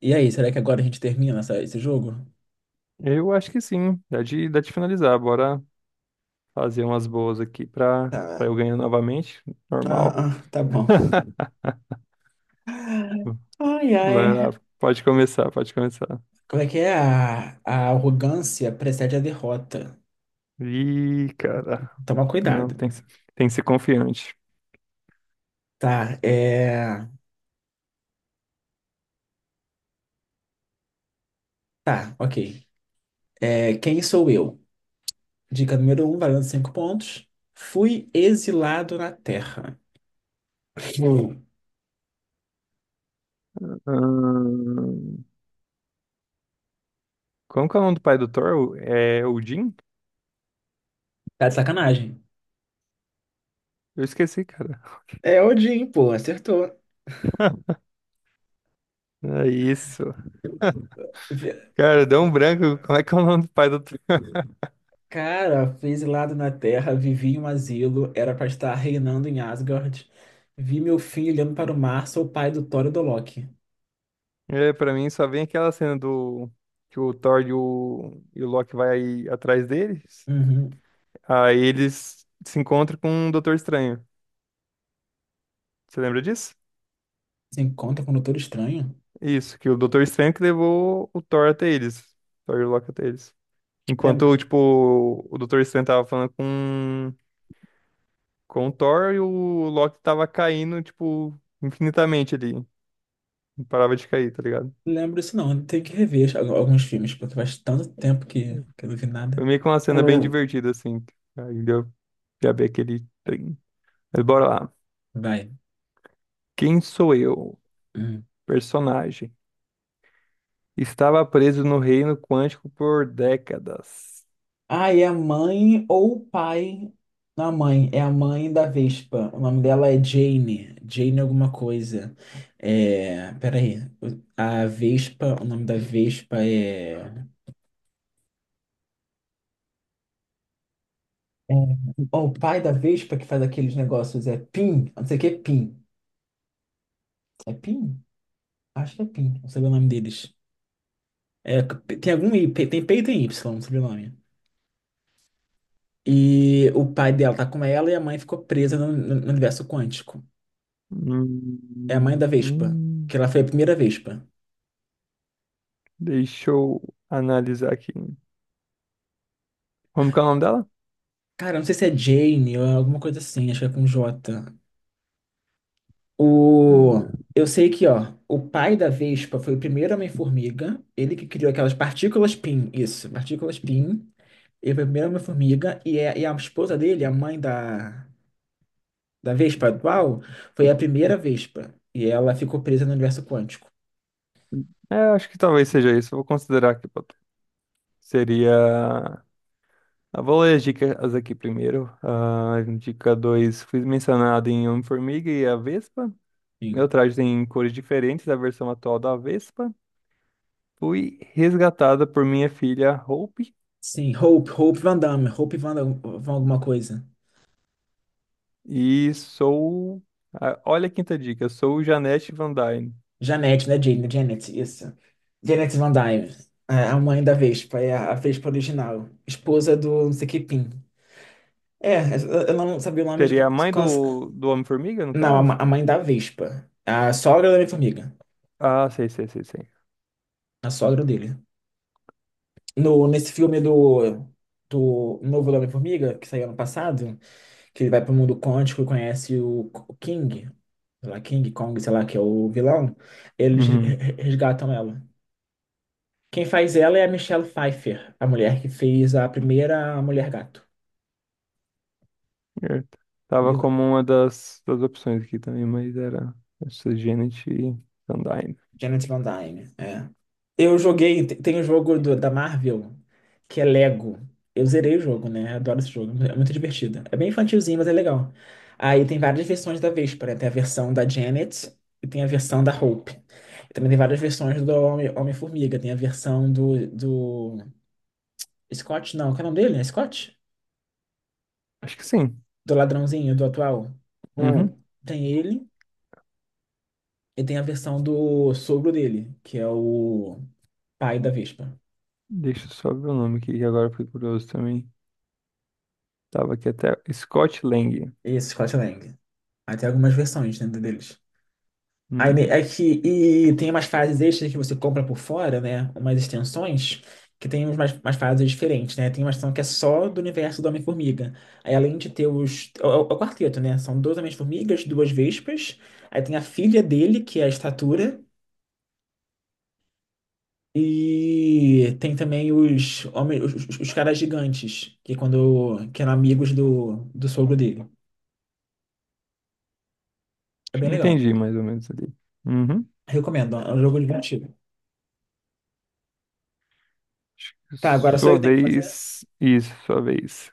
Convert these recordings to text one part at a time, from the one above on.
E aí, será que agora a gente termina esse jogo? Eu acho que sim. Dá, dá de finalizar. Bora fazer umas boas aqui Tá, pra eu ganhar novamente. ah, Normal. Tá bom. Ai, ai. Vai lá, pode começar, pode começar. Como é que é? A arrogância precede a derrota. Ih, cara. Toma Não, cuidado. Tem que ser confiante. Tá, é. Tá, ok. É, quem sou eu? Dica número um, valendo cinco pontos. Fui exilado na Terra. Pô, Ahn, Como que é o nome do pai do Thor? É Odin? tá de sacanagem. Eu esqueci, cara. É Odin, pô, acertou. É isso. Cara, deu um branco. Como é que é o nome do pai do Thor? Cara, fui exilado na Terra, vivi em um asilo, era pra estar reinando em Asgard. Vi meu filho olhando para o mar, sou o pai do Thor e do Loki. É, pra mim só vem aquela cena do que o Thor e o Loki vai atrás dele. Uhum. Aí eles se encontram com o Doutor Estranho. Você lembra disso? Se encontra com o Doutor Estranho? Isso, que o Doutor Estranho que levou o Thor até eles. Thor e o Loki até eles. Lembro, Enquanto, tipo, o Doutor Estranho tava falando com o Thor e o Loki tava caindo, tipo, infinitamente ali. Não parava de cair, tá ligado? lembro isso não, tem que rever alguns filmes, porque faz tanto tempo que eu não vi Foi nada. meio que uma É cena bem mesmo. divertida, assim. Aí deu pra ver aquele trem. Mas bora lá. Vai. Quem sou eu? Personagem. Estava preso no reino quântico por décadas. Ah, é a mãe ou o pai. Não, a mãe, é a mãe da Vespa. O nome dela é Jane. Jane alguma coisa. É, peraí. A Vespa, o nome da Vespa é. é- Ó, o pai da Vespa que faz aqueles negócios é Pim. Não sei o que é Pim. É Pim? Acho que é Pim. Não sei o nome deles. É, tem algum I, tem P e tem Y, não sei o nome. E o pai dela tá com ela e a mãe ficou presa no no universo quântico. É a mãe Hum, da Vespa. hum, Que ela foi a primeira Vespa. deixa eu analisar aqui. Como que é o nome dela? Cara, não sei se é Jane ou é alguma coisa assim, acho que é com J. O... Hum. Eu sei que, ó, o pai da Vespa foi o primeiro Homem-Formiga, ele que criou aquelas partículas PIN, isso, partículas PIN, ele foi o primeiro Homem-Formiga, e a esposa dele, a mãe da, da Vespa atual, foi a primeira Vespa, e ela ficou presa no universo quântico. É, eu acho que talvez seja isso. Eu vou considerar aqui pra tu. Seria. Eu vou ler as dicas aqui primeiro. Ah, dica dois, fui mencionado em Homem-Formiga e a Vespa. Meu Sim. traje tem cores diferentes da versão atual da Vespa. Fui resgatada por minha filha Hope. Sim, Hope, Hope Van Damme, Hope Van, Van alguma coisa. E sou... ah, olha a quinta dica. Sou Janete Van Dyne. Janete, né, Jane? Né? Janet, isso. Janet Van Dyne, a mãe da Vespa, é a Vespa original, esposa do não sei que Pin. É, eu não sabia o nome de. Seria a mãe cons- do Homem-Formiga, no Não, a caso? A mãe da Vespa, a sogra da Homem-Formiga, Ah, sei, sei, sei, sei. a sogra dele. No, Nesse filme do, do Novo Homem-Formiga, que saiu ano passado, que ele vai pro mundo quântico e conhece o King, sei lá, King Kong, sei lá, que é o vilão, eles re- Uhum. re- resgatam ela. Quem faz ela é a Michelle Pfeiffer, a mulher que fez a primeira Mulher Gato. Certo. Tava Lila, como uma das opções aqui também, mas era essa Janet Sandine. Janet Van Dyne. É. Eu joguei, tem o jogo da Marvel, que é Lego. Eu zerei o jogo, né? Adoro esse jogo, é muito divertido. É bem infantilzinho, mas é legal. Aí tem várias versões da Véspera. Tem a versão da Janet e tem a versão da Hope. E também tem várias versões do Homem-Formiga. Tem a versão do... Scott, não, qual é o nome dele? É Scott? Acho que sim. Do ladrãozinho, do atual. Uhum. Hum. Tem ele. E tem a versão do sogro dele, que é o pai da Vespa. Deixa eu só ver o nome aqui, que agora eu fiquei curioso também. Tava aqui até Scott Lang. Esse Scott Lang. Aí tem algumas versões dentro deles. Aí ne- Uhum. é que, E tem umas fases extras que você compra por fora, né? Umas extensões, que tem umas fases diferentes, né? Tem uma extensão que é só do universo do Homem-Formiga. Aí além de ter os. É é o quarteto, né? São dois Homens-Formigas, duas Vespas. Aí tem a filha dele, que é a Estatura. E tem também os homens, os caras gigantes, que é quando que eram amigos do sogro dele. É Acho que bem legal. entendi mais ou menos ali. Uhum. Recomendo, é um jogo divertido. Acho que é Tá, agora só eu sua que tenho que fazer? vez. Isso, sua vez.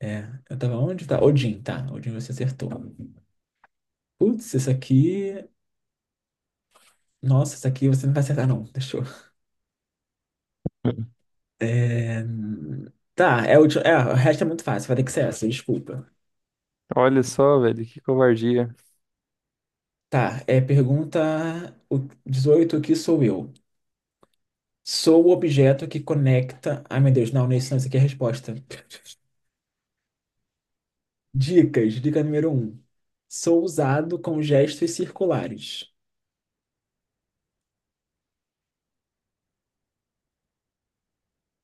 É, eu tava onde? Tá. Odin você acertou. Putz, isso aqui. Nossa, isso aqui você não vai acertar, não. Deixa eu. Uhum. É... Tá, é é, o resto é muito fácil, vai ter que ser essa, desculpa. Olha só, velho, que covardia. Tá, é pergunta o- dezoito, o que sou eu? Sou o objeto que conecta. Ai, meu Deus, não, não é isso, não, isso aqui é a resposta. Dicas, dica número um. Sou usado com gestos circulares.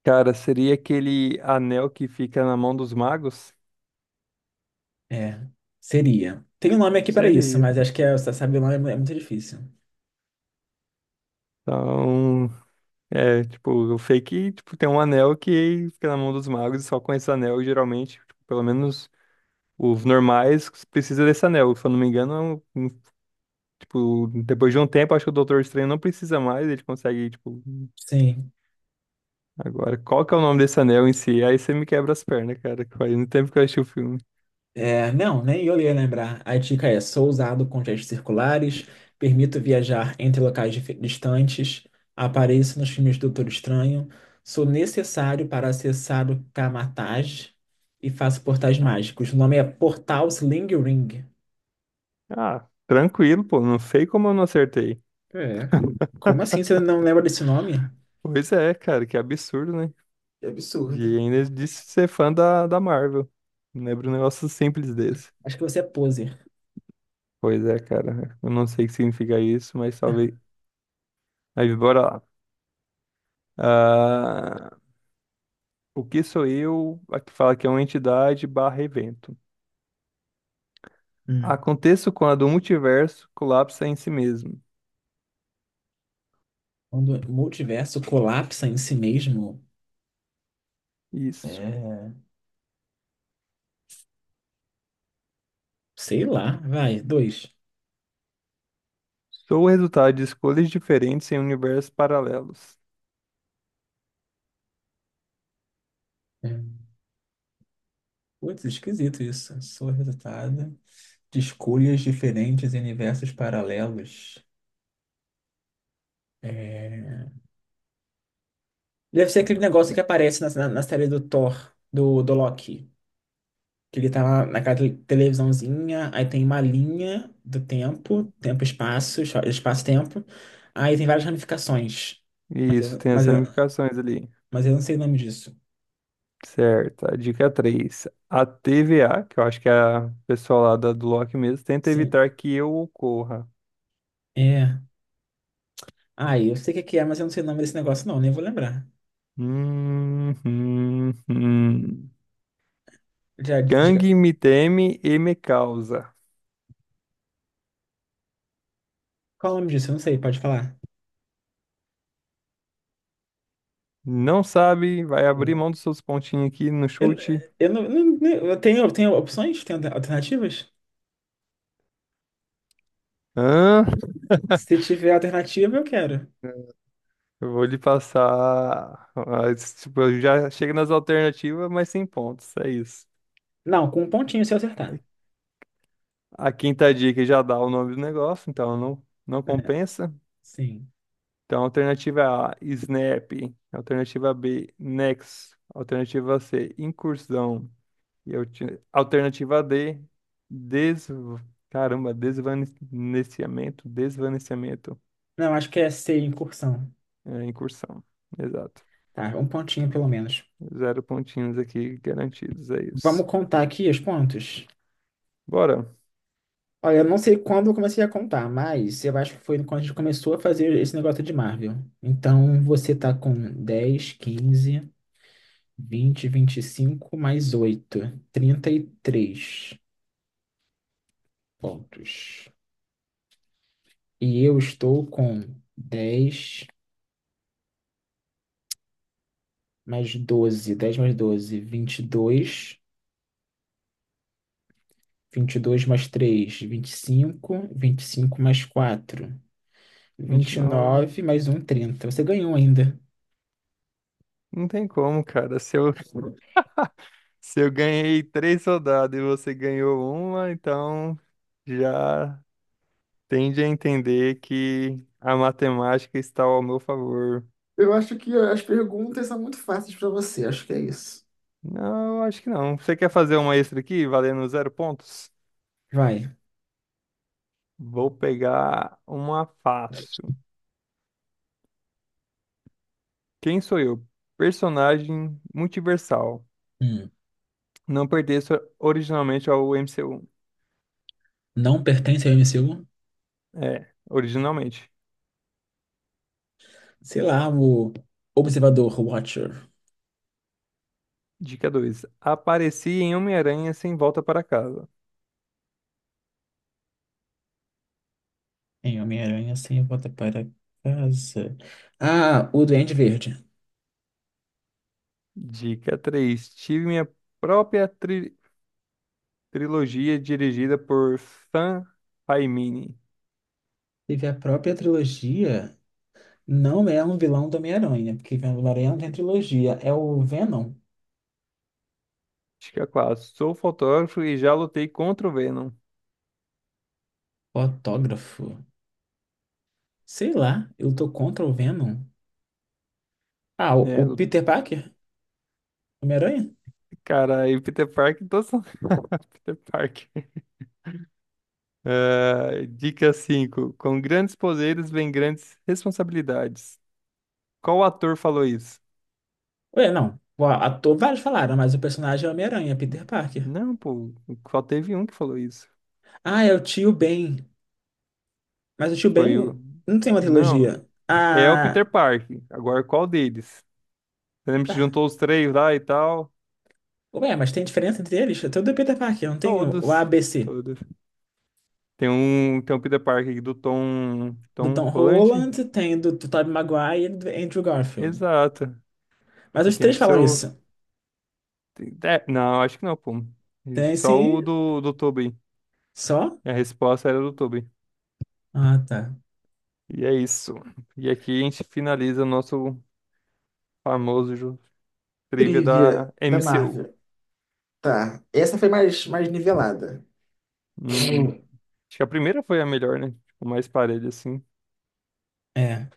Cara, seria aquele anel que fica na mão dos magos? É, seria. Tem um nome aqui para isso, Seria. mas acho que é, você sabe o nome é muito difícil. Então, é, tipo, o fake, tipo, tem um anel que fica na mão dos magos e só com esse anel, geralmente, tipo, pelo menos os normais precisa desse anel. Se eu não me engano, é tipo, depois de um tempo, acho que o Doutor Estranho não precisa mais, ele consegue, tipo, Sim. agora, qual que é o nome desse anel em si? Aí você me quebra as pernas, cara, que faz muito tempo que eu assisti o filme. É, não, nem eu ia lembrar. A dica é: sou usado com gestos circulares, permito viajar entre locais distantes, apareço nos filmes do Doutor Estranho, sou necessário para acessar o Kamatage e faço portais mágicos. O nome é Portal Sling Ring. Ah, tranquilo, pô, não sei como eu não acertei. É. Como assim você não lembra desse nome? Pois é, cara, que absurdo, né? Que E absurdo. ainda disse ser fã da Marvel. Lembra um negócio simples desse. Acho que você é poser. Pois é, cara. Eu não sei o que significa isso, mas talvez. Mas bora lá. Ah, o que sou eu? A que fala que é uma entidade barra evento. Hum. Aconteço quando o multiverso colapsa em si mesmo. Quando o multiverso colapsa em si mesmo, Isso. é. Sei lá, vai, dois. Sou o resultado de escolhas diferentes em universos paralelos. É. Putz, esquisito isso. Sou resultado de escolhas diferentes em universos paralelos. É... Deve ser aquele negócio que aparece na série do Thor, do Loki. Que ele tá lá naquela televisãozinha, aí tem uma linha do tempo, tempo-espaço, espaço-tempo. Aí tem várias ramificações. Mas eu, Isso, tem as mas, eu, ramificações ali. mas eu não sei o nome disso. Certo, a dica três, a TVA, que eu acho que é a pessoa lá do Loki mesmo, tenta Sim, evitar que eu ocorra. é. Ah, eu sei o que que é, mas eu não sei o nome desse negócio, não, nem vou lembrar. Hum, hum, hum. Já, diga, Gangue me teme e me causa. qual é o nome disso? Eu não sei, pode falar. Não sabe, vai abrir mão dos seus pontinhos aqui no Eu, chute. eu não, não- não- tenho, tenho opções? Tenho alternativas? Hã? Se tiver alternativa, eu quero. Eu vou lhe passar. Ah, esse tipo, eu já chega nas alternativas, mas sem pontos. É isso. Não, com um pontinho se eu acertar. A quinta dica já dá o nome do negócio, então não compensa. Sim. Então, alternativa A, Snap. Alternativa B, Nex. Alternativa C, Incursão. E alternativa D, des... Caramba, desvanecimento. Não, acho que é C, incursão. É, incursão. Exato. Tá, um pontinho pelo menos. Zero pontinhos aqui garantidos, é isso. Vamos contar aqui os pontos. Bora. Olha, eu não sei quando eu comecei a contar, mas eu acho que foi quando a gente começou a fazer esse negócio de Marvel. Então, você tá com dez, quinze, vinte, vinte e cinco, mais oito, trinta e três pontos. E eu estou com dez, mais doze, 10 mais 12, 22, dois mais 3, 25, cinco mais Vinte e 4, nove. nove mais um, trinta. Você ganhou ainda. Não tem como, cara. Se eu, se eu ganhei três rodadas e você ganhou uma, então já. Tende a entender que a matemática está ao meu favor. Eu acho que as perguntas são muito fáceis para você, acho que é isso. Não, acho que não. Você quer fazer uma extra aqui, valendo zero pontos? Vai. Vou pegar uma fácil. Quem sou eu? Personagem multiversal. Hum. Não pertenço originalmente ao MCU. Não pertence ao MCU? É, originalmente. Sei lá, o Observador, o Watcher. Dica 2. Apareci em Homem-Aranha sem volta para casa. Em Homem-Aranha sem volta para casa. Ah, o Duende Verde. Dica 3. Tive minha própria tri- trilogia dirigida por Sam Raimi. Teve a própria trilogia. Não é um vilão do Homem-Aranha, né? Porque o Homem-Aranha não tem trilogia. É o Venom. Acho que é quase. Sou fotógrafo e já lutei contra o Venom. O autógrafo. Sei lá, eu tô contra o Venom. Ah, É, o Peter Parker? Homem-Aranha? cara, e Peter Parker, todos são Peter Parker. Ah, dica cinco, com grandes poderes vem grandes responsabilidades. Qual ator falou isso? Ué, não. O ator, vários falaram, mas o personagem é o Homem-Aranha, Peter Parker. Não, pô, só teve um que falou isso. Ah, é o tio Ben. Mas o tio Foi o. Ben não tem uma Não, trilogia. é o Peter Ah, Parker. Agora, qual deles? Você lembra que juntou os três lá e tal? ué, mas tem diferença entre eles? Tem o do Peter Parker, não tem o Todos. ABC. Todos. Tem um Peter Parker aqui do Tom, Do Tom Tom Holland? Holland, tem do, do Tobey Maguire e do Andrew Garfield. Exato. Mas E os tem três do falam seu. isso. É, não, acho que não, pô. E Tem só o sim, do, do Tobey. só. A resposta era do Tobey. Ah, tá. E é isso. E aqui a gente finaliza o nosso famoso trivia da Trivia da MCU. Marvel. Tá. Essa foi mais, mais nivelada. Hum, Hum. acho que a primeira foi a melhor, né? Tipo, mais parelha, assim. É.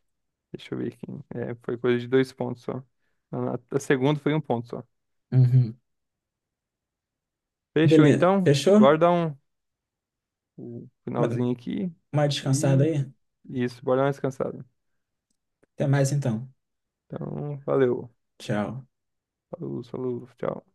Deixa eu ver aqui. É, foi coisa de dois pontos só. A segunda foi um ponto só. Uhum. Fechou, Beleza. então. Fechou? Bora dar um, um Ma- finalzinho aqui. Uma descansada E aí? isso, bora dar uma descansada. Até mais então. Então, valeu. Tchau. Falou, falou, tchau.